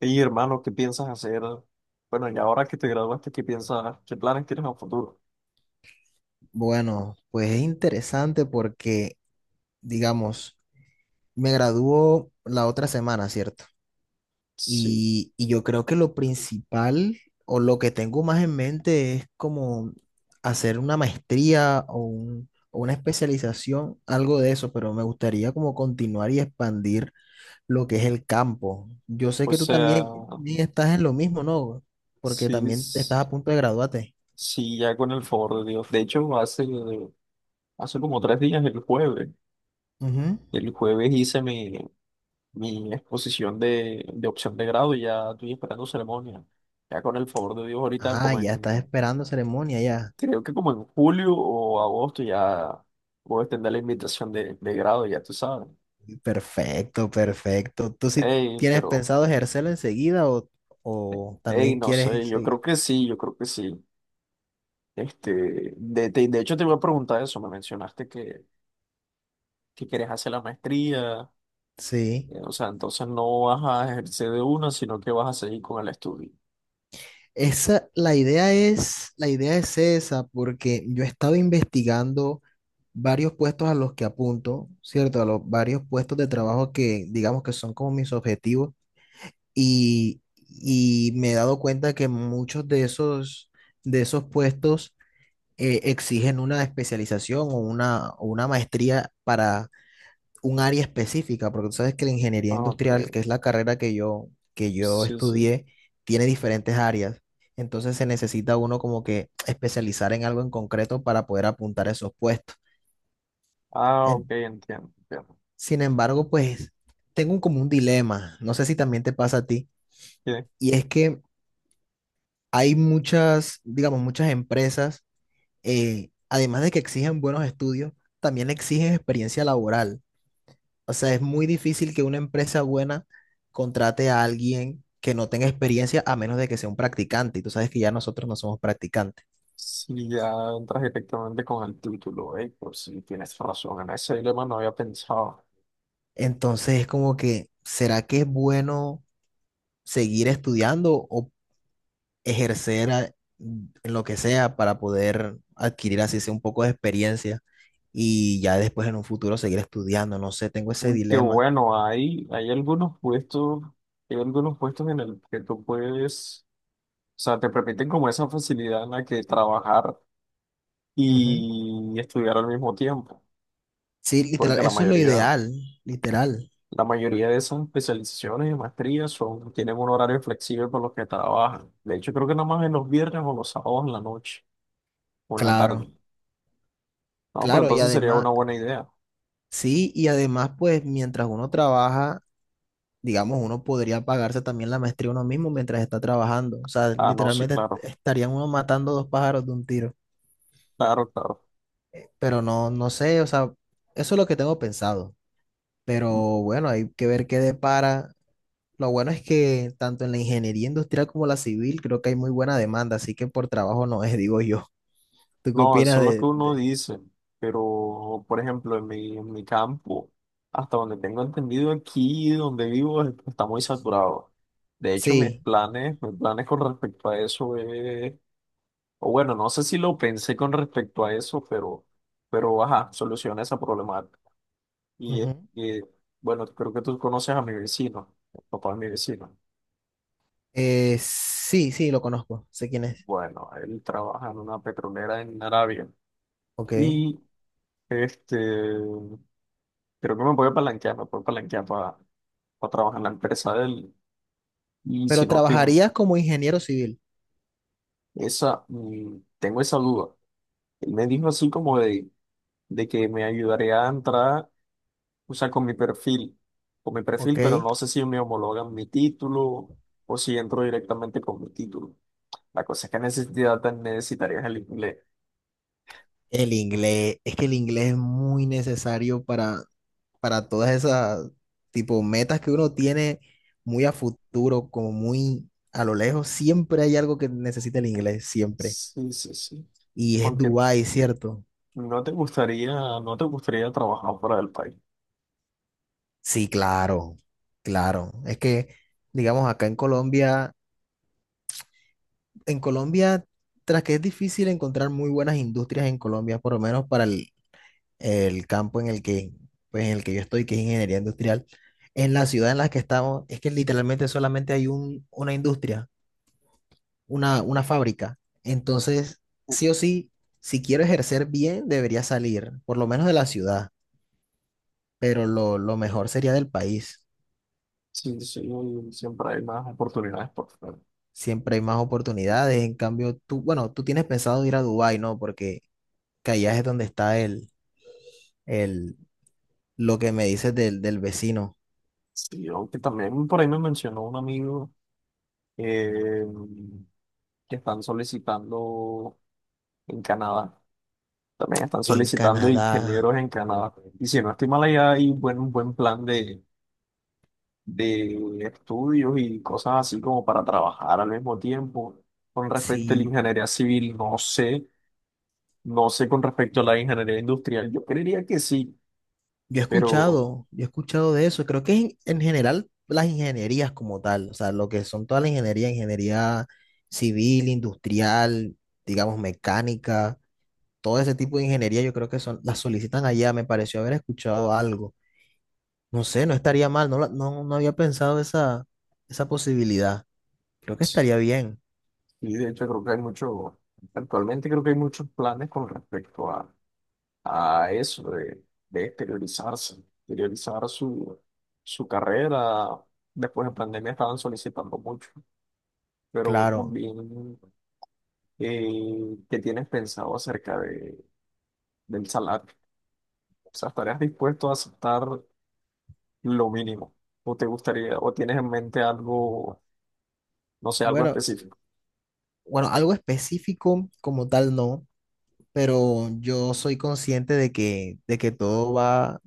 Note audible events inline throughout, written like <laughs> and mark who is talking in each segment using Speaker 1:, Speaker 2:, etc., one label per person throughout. Speaker 1: Y hermano, ¿qué piensas hacer? Bueno, y ahora que te graduaste, ¿qué piensas? ¿Qué planes tienes a futuro?
Speaker 2: Bueno, pues es interesante porque, digamos, me graduó la otra semana, ¿cierto?
Speaker 1: Sí,
Speaker 2: Y yo creo que lo principal o lo que tengo más en mente es como hacer una maestría o una especialización, algo de eso, pero me gustaría como continuar y expandir lo que es el campo. Yo sé
Speaker 1: o
Speaker 2: que tú
Speaker 1: sea,
Speaker 2: también estás en lo mismo, ¿no? Porque
Speaker 1: sí,
Speaker 2: también estás a punto de graduarte.
Speaker 1: sí, ya con el favor de Dios. De hecho, hace como tres días,
Speaker 2: Ujú.
Speaker 1: el jueves hice mi exposición de opción de grado y ya estoy esperando ceremonia. Ya con el favor de Dios, ahorita
Speaker 2: Ah, ya estás esperando ceremonia, ya.
Speaker 1: creo que como en julio o agosto ya voy a extender la invitación de grado, ya tú sabes.
Speaker 2: Perfecto, perfecto. ¿Tú sí
Speaker 1: Ey,
Speaker 2: tienes
Speaker 1: pero...
Speaker 2: pensado ejercerla enseguida o
Speaker 1: Ey,
Speaker 2: también
Speaker 1: no sé,
Speaker 2: quieres
Speaker 1: yo
Speaker 2: seguir?
Speaker 1: creo que sí, yo creo que sí. Este, de hecho, te iba a preguntar eso. Me mencionaste que quieres hacer la maestría.
Speaker 2: Sí.
Speaker 1: O sea, entonces no vas a ejercer de una, sino que vas a seguir con el estudio.
Speaker 2: Esa, la idea es esa, porque yo he estado investigando varios puestos a los que apunto, ¿cierto? A los varios puestos de trabajo que digamos que son como mis objetivos y me he dado cuenta que muchos de esos puestos exigen una especialización o una maestría un área específica, porque tú sabes que la ingeniería
Speaker 1: Ah, ok.
Speaker 2: industrial, que es la carrera que yo
Speaker 1: Sí, sí.
Speaker 2: estudié, tiene diferentes áreas. Entonces se necesita uno como que especializar en algo en concreto para poder apuntar a esos puestos.
Speaker 1: Ah, ok,
Speaker 2: En-
Speaker 1: entiendo. Entiendo.
Speaker 2: Sin embargo, pues tengo como un dilema, no sé si también te pasa a ti,
Speaker 1: Bien.
Speaker 2: y es que hay muchas, digamos, muchas empresas, además de que exigen buenos estudios, también exigen experiencia laboral. O sea, es muy difícil que una empresa buena contrate a alguien que no tenga experiencia a menos de que sea un practicante. Y tú sabes que ya nosotros no somos practicantes.
Speaker 1: Si ya entras directamente con el título, pues sí, tienes razón. En ese dilema no había pensado.
Speaker 2: Entonces es como que, ¿será que es bueno seguir estudiando o ejercer en lo que sea para poder adquirir así sea un poco de experiencia y ya después en un futuro seguir estudiando? No sé, tengo ese
Speaker 1: Que
Speaker 2: dilema.
Speaker 1: bueno, hay algunos puestos en el que tú puedes. O sea, te permiten como esa facilidad en la que trabajar
Speaker 2: Ujú.
Speaker 1: y estudiar al mismo tiempo,
Speaker 2: Sí, literal,
Speaker 1: porque
Speaker 2: eso es lo ideal, literal.
Speaker 1: la mayoría de esas especializaciones y maestrías son, tienen un horario flexible por los que trabajan. De hecho, creo que nada más en los viernes o los sábados en la noche o en la tarde.
Speaker 2: Claro,
Speaker 1: No, pero
Speaker 2: claro, y
Speaker 1: entonces sería
Speaker 2: además,
Speaker 1: una buena idea.
Speaker 2: sí, y además, pues mientras uno trabaja, digamos, uno podría pagarse también la maestría uno mismo mientras está trabajando. O sea,
Speaker 1: Ah, no, sí,
Speaker 2: literalmente
Speaker 1: claro,
Speaker 2: estarían uno matando dos pájaros de un tiro.
Speaker 1: claro, claro.
Speaker 2: Pero no, no sé, o sea, eso es lo que tengo pensado. Pero bueno, hay que ver qué depara. Lo bueno es que tanto en la ingeniería industrial como la civil creo que hay muy buena demanda, así que por trabajo no es, <laughs> digo yo. ¿Tú qué
Speaker 1: No, eso
Speaker 2: opinas
Speaker 1: es lo que
Speaker 2: de,
Speaker 1: uno
Speaker 2: de-
Speaker 1: dice, pero por ejemplo, en mi campo, hasta donde tengo entendido aquí, donde vivo, está muy saturado. De hecho,
Speaker 2: Sí.
Speaker 1: mis planes con respecto a eso es, o bueno, no sé si lo pensé con respecto a eso, pero ajá, soluciona esa problemática. Y es
Speaker 2: Ujú.
Speaker 1: que, bueno, creo que tú conoces a mi vecino, el papá de mi vecino.
Speaker 2: Sí, sí, lo conozco. Sé quién es.
Speaker 1: Bueno, él trabaja en una petrolera en Arabia.
Speaker 2: Ok.
Speaker 1: Y este creo que me voy a palanquear, me puedo palanquear para trabajar en la empresa de él. Y si
Speaker 2: Pero
Speaker 1: no estoy,
Speaker 2: trabajarías como ingeniero civil,
Speaker 1: tengo esa duda. Él me dijo así como de que me ayudaría a entrar, o sea, con mi
Speaker 2: ¿ok?
Speaker 1: perfil, pero no sé si me homologan mi título o si entro directamente con mi título. La cosa es que necesitaría, necesitarías el inglés.
Speaker 2: El inglés, es que el inglés es muy necesario para todas esas tipo metas que uno tiene muy a futuro, como muy a lo lejos. Siempre hay algo que necesita el inglés, siempre.
Speaker 1: Sí, sí, sí.
Speaker 2: Y es
Speaker 1: Porque
Speaker 2: Dubái, ¿cierto?
Speaker 1: no te gustaría, no te gustaría trabajar fuera del país.
Speaker 2: Sí, claro, claro. Es que, digamos, acá en Colombia, en Colombia, tras que es difícil encontrar muy buenas industrias en Colombia, por lo menos para el campo en el que, pues, en el que yo estoy, que es ingeniería industrial, en la ciudad en la que estamos, es que literalmente solamente hay una industria, una fábrica. Entonces, sí o sí, si quiero ejercer bien, debería salir, por lo menos de la ciudad, pero lo mejor sería del país.
Speaker 1: Sí, sí, siempre hay más oportunidades por fuera.
Speaker 2: Siempre hay más oportunidades. En cambio, tú, bueno, tú tienes pensado ir a Dubái, ¿no? Porque que allá es donde está el, lo que me dices del vecino.
Speaker 1: Sí, yo que también por ahí me mencionó un amigo eh, que están solicitando en Canadá. También están
Speaker 2: En
Speaker 1: solicitando
Speaker 2: Canadá,
Speaker 1: ingenieros en Canadá. Y si no estoy mal, un buen plan de estudios y cosas así como para trabajar al mismo tiempo. Con respecto a la
Speaker 2: sí.
Speaker 1: ingeniería civil, no sé. No sé con respecto a la ingeniería industrial. Yo creería que sí,
Speaker 2: Yo he
Speaker 1: pero
Speaker 2: escuchado, yo he escuchado de eso. Creo que en general las ingenierías como tal, o sea, lo que son toda la ingeniería, ingeniería civil, industrial, digamos mecánica, todo ese tipo de ingeniería, yo creo que son, las solicitan allá. Me pareció haber escuchado algo. No sé, no estaría mal, no, no había pensado esa posibilidad. Creo que
Speaker 1: sí,
Speaker 2: estaría bien,
Speaker 1: de hecho creo que hay mucho, actualmente creo que hay muchos planes con respecto a eso de exteriorizarse, exteriorizar su carrera. Después de pandemia estaban solicitando mucho, pero
Speaker 2: claro.
Speaker 1: también qué tienes pensado acerca de, del salario. O sea, ¿estarías dispuesto a aceptar lo mínimo? ¿O te gustaría, o tienes en mente algo, no sé, algo
Speaker 2: Bueno,
Speaker 1: específico?
Speaker 2: bueno, algo específico como tal no, pero yo soy consciente de que todo va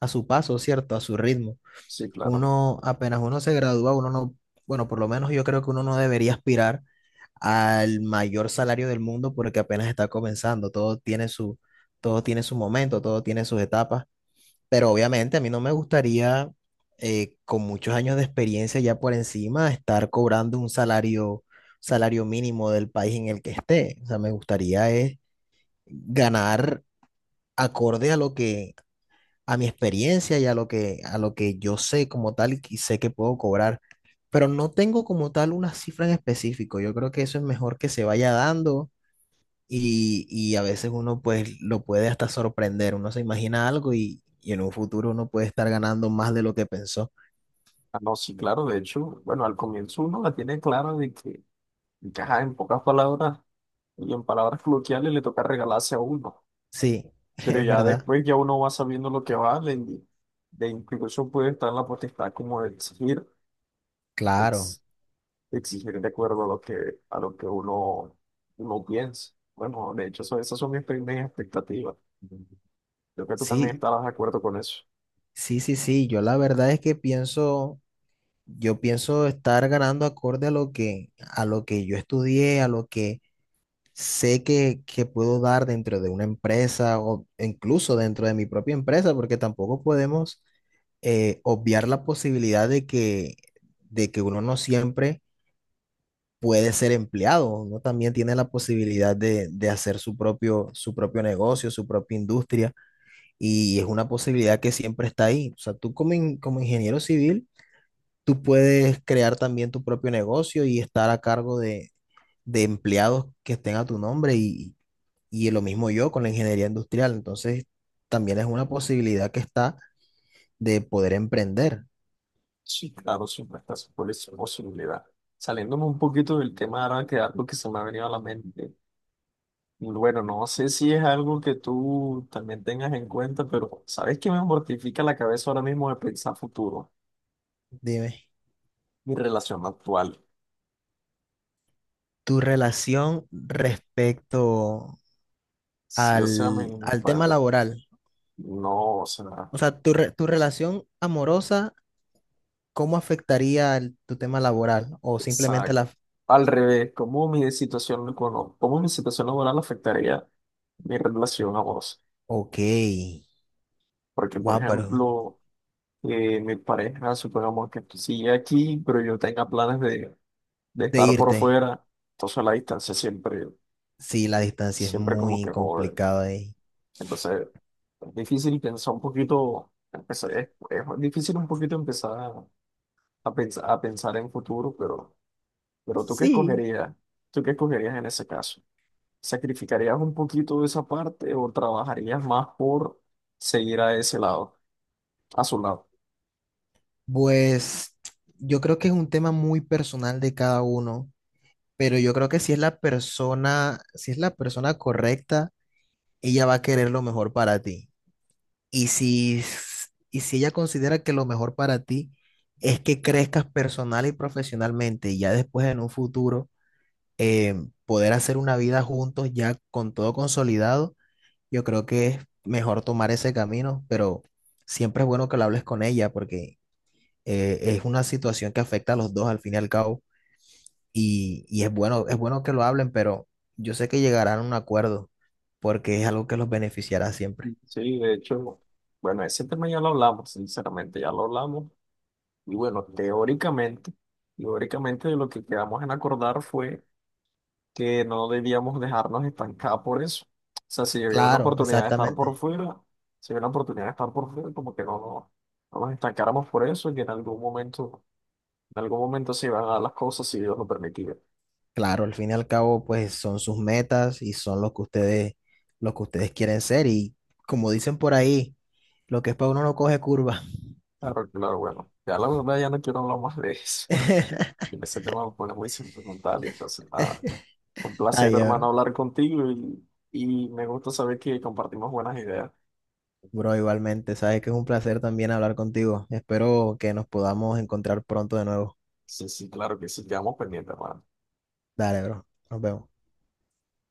Speaker 2: a su paso, ¿cierto? A su ritmo.
Speaker 1: Sí, claro.
Speaker 2: Uno, apenas uno se gradúa, uno no, bueno, por lo menos yo creo que uno no debería aspirar al mayor salario del mundo porque apenas está comenzando, todo tiene su, momento, todo tiene sus etapas, pero obviamente a mí no me gustaría, con muchos años de experiencia ya por encima, estar cobrando un salario mínimo del país en el que esté. O sea, me gustaría es ganar acorde a mi experiencia y a lo que yo sé como tal y que sé que puedo cobrar, pero no tengo como tal una cifra en específico. Yo creo que eso es mejor que se vaya dando y a veces uno pues lo puede hasta sorprender, uno se imagina algo y en un futuro uno puede estar ganando más de lo que pensó.
Speaker 1: Ah, no, sí, claro. De hecho, bueno, al comienzo uno la tiene clara de que, ajá, en pocas palabras y en palabras coloquiales le toca regalarse a uno.
Speaker 2: Sí, <laughs>
Speaker 1: Pero
Speaker 2: es
Speaker 1: ya
Speaker 2: verdad,
Speaker 1: después ya uno va sabiendo lo que va, de incluso puede estar en la potestad como de exigir,
Speaker 2: claro,
Speaker 1: ex- exigir de acuerdo a lo que uno, uno piensa. Bueno, de hecho, esas son mis primeras expectativas. Creo que tú también
Speaker 2: sí,
Speaker 1: estarás de acuerdo con eso.
Speaker 2: sí, sí, sí, yo la verdad es que pienso estar ganando acorde a lo que yo estudié, sé que puedo dar dentro de una empresa o incluso dentro de mi propia empresa, porque tampoco podemos obviar la posibilidad de que uno no siempre puede ser empleado, uno también tiene la posibilidad de hacer su propio negocio, su propia industria, y es una posibilidad que siempre está ahí. O sea, como ingeniero civil, tú puedes crear también tu propio negocio y estar a cargo de empleados que estén a tu nombre y lo mismo yo con la ingeniería industrial. Entonces, también es una posibilidad que está de poder emprender.
Speaker 1: Sí, claro, siempre está esa posibilidad. Saliéndome un poquito del tema ahora que algo que se me ha venido a la mente. Bueno, no sé si es algo que tú también tengas en cuenta, pero ¿sabes qué me mortifica la cabeza ahora mismo de pensar futuro?
Speaker 2: Dime,
Speaker 1: Mi relación actual.
Speaker 2: tu relación respecto
Speaker 1: Sí, o sea,
Speaker 2: al, al tema laboral,
Speaker 1: no, o sea,
Speaker 2: o sea, tu relación amorosa, ¿cómo afectaría tu tema laboral? O simplemente
Speaker 1: exacto,
Speaker 2: la.
Speaker 1: al revés, ¿cómo mi cómo mi situación laboral afectaría mi relación a vos?
Speaker 2: Ok,
Speaker 1: Porque, por
Speaker 2: wow, pero
Speaker 1: ejemplo, mi pareja, supongamos que sigue aquí, pero yo tenga planes de
Speaker 2: de
Speaker 1: estar por
Speaker 2: irte,
Speaker 1: fuera, entonces la distancia siempre,
Speaker 2: sí, la distancia es
Speaker 1: siempre como
Speaker 2: muy
Speaker 1: que jode.
Speaker 2: complicada ahí.
Speaker 1: Entonces, es difícil pensar un poquito, es difícil un poquito empezar a pensar en futuro, pero... Pero ¿tú qué
Speaker 2: Sí,
Speaker 1: escogerías? ¿Tú qué escogerías en ese caso? ¿Sacrificarías un poquito de esa parte o trabajarías más por seguir a ese lado, a su lado?
Speaker 2: pues yo creo que es un tema muy personal de cada uno, pero yo creo que si es la persona, si es la persona correcta, ella va a querer lo mejor para ti. Y si ella considera que lo mejor para ti es que crezcas personal y profesionalmente y ya después en un futuro eh, poder hacer una vida juntos ya con todo consolidado, yo creo que es mejor tomar ese camino, pero siempre es bueno que lo hables con ella porque es una situación que afecta a los dos al fin y al cabo y es bueno que lo hablen, pero yo sé que llegarán a un acuerdo porque es algo que los beneficiará siempre.
Speaker 1: Sí, de hecho, bueno, ese tema ya lo hablamos, sinceramente, ya lo hablamos. Y bueno, teóricamente, teóricamente lo que quedamos en acordar fue que no debíamos dejarnos estancar por eso. O sea, si había una
Speaker 2: Claro,
Speaker 1: oportunidad de estar por
Speaker 2: exactamente.
Speaker 1: fuera, si había una oportunidad de estar por fuera, como que no, no, no nos estancáramos por eso y que en algún momento en algún momento se iban a dar las cosas si Dios lo permitía.
Speaker 2: Claro, al fin y al cabo, pues son sus metas y son lo que ustedes quieren ser. Y como dicen por ahí, lo que es para uno no coge curva.
Speaker 1: Claro, claro, bueno. Ya la verdad ya no quiero hablar más de eso. <laughs>
Speaker 2: <laughs>
Speaker 1: Y ese tema me pone muy sentimental. Y entonces, nada. Un placer,
Speaker 2: Ay,
Speaker 1: hermano,
Speaker 2: bro.
Speaker 1: hablar contigo y me gusta saber que compartimos buenas ideas.
Speaker 2: Bro, igualmente, sabes que es un placer también hablar contigo. Espero que nos podamos encontrar pronto de nuevo.
Speaker 1: Sí, sí, claro que sí, quedamos pendientes, hermano.
Speaker 2: Dale, bro. Nos vemos.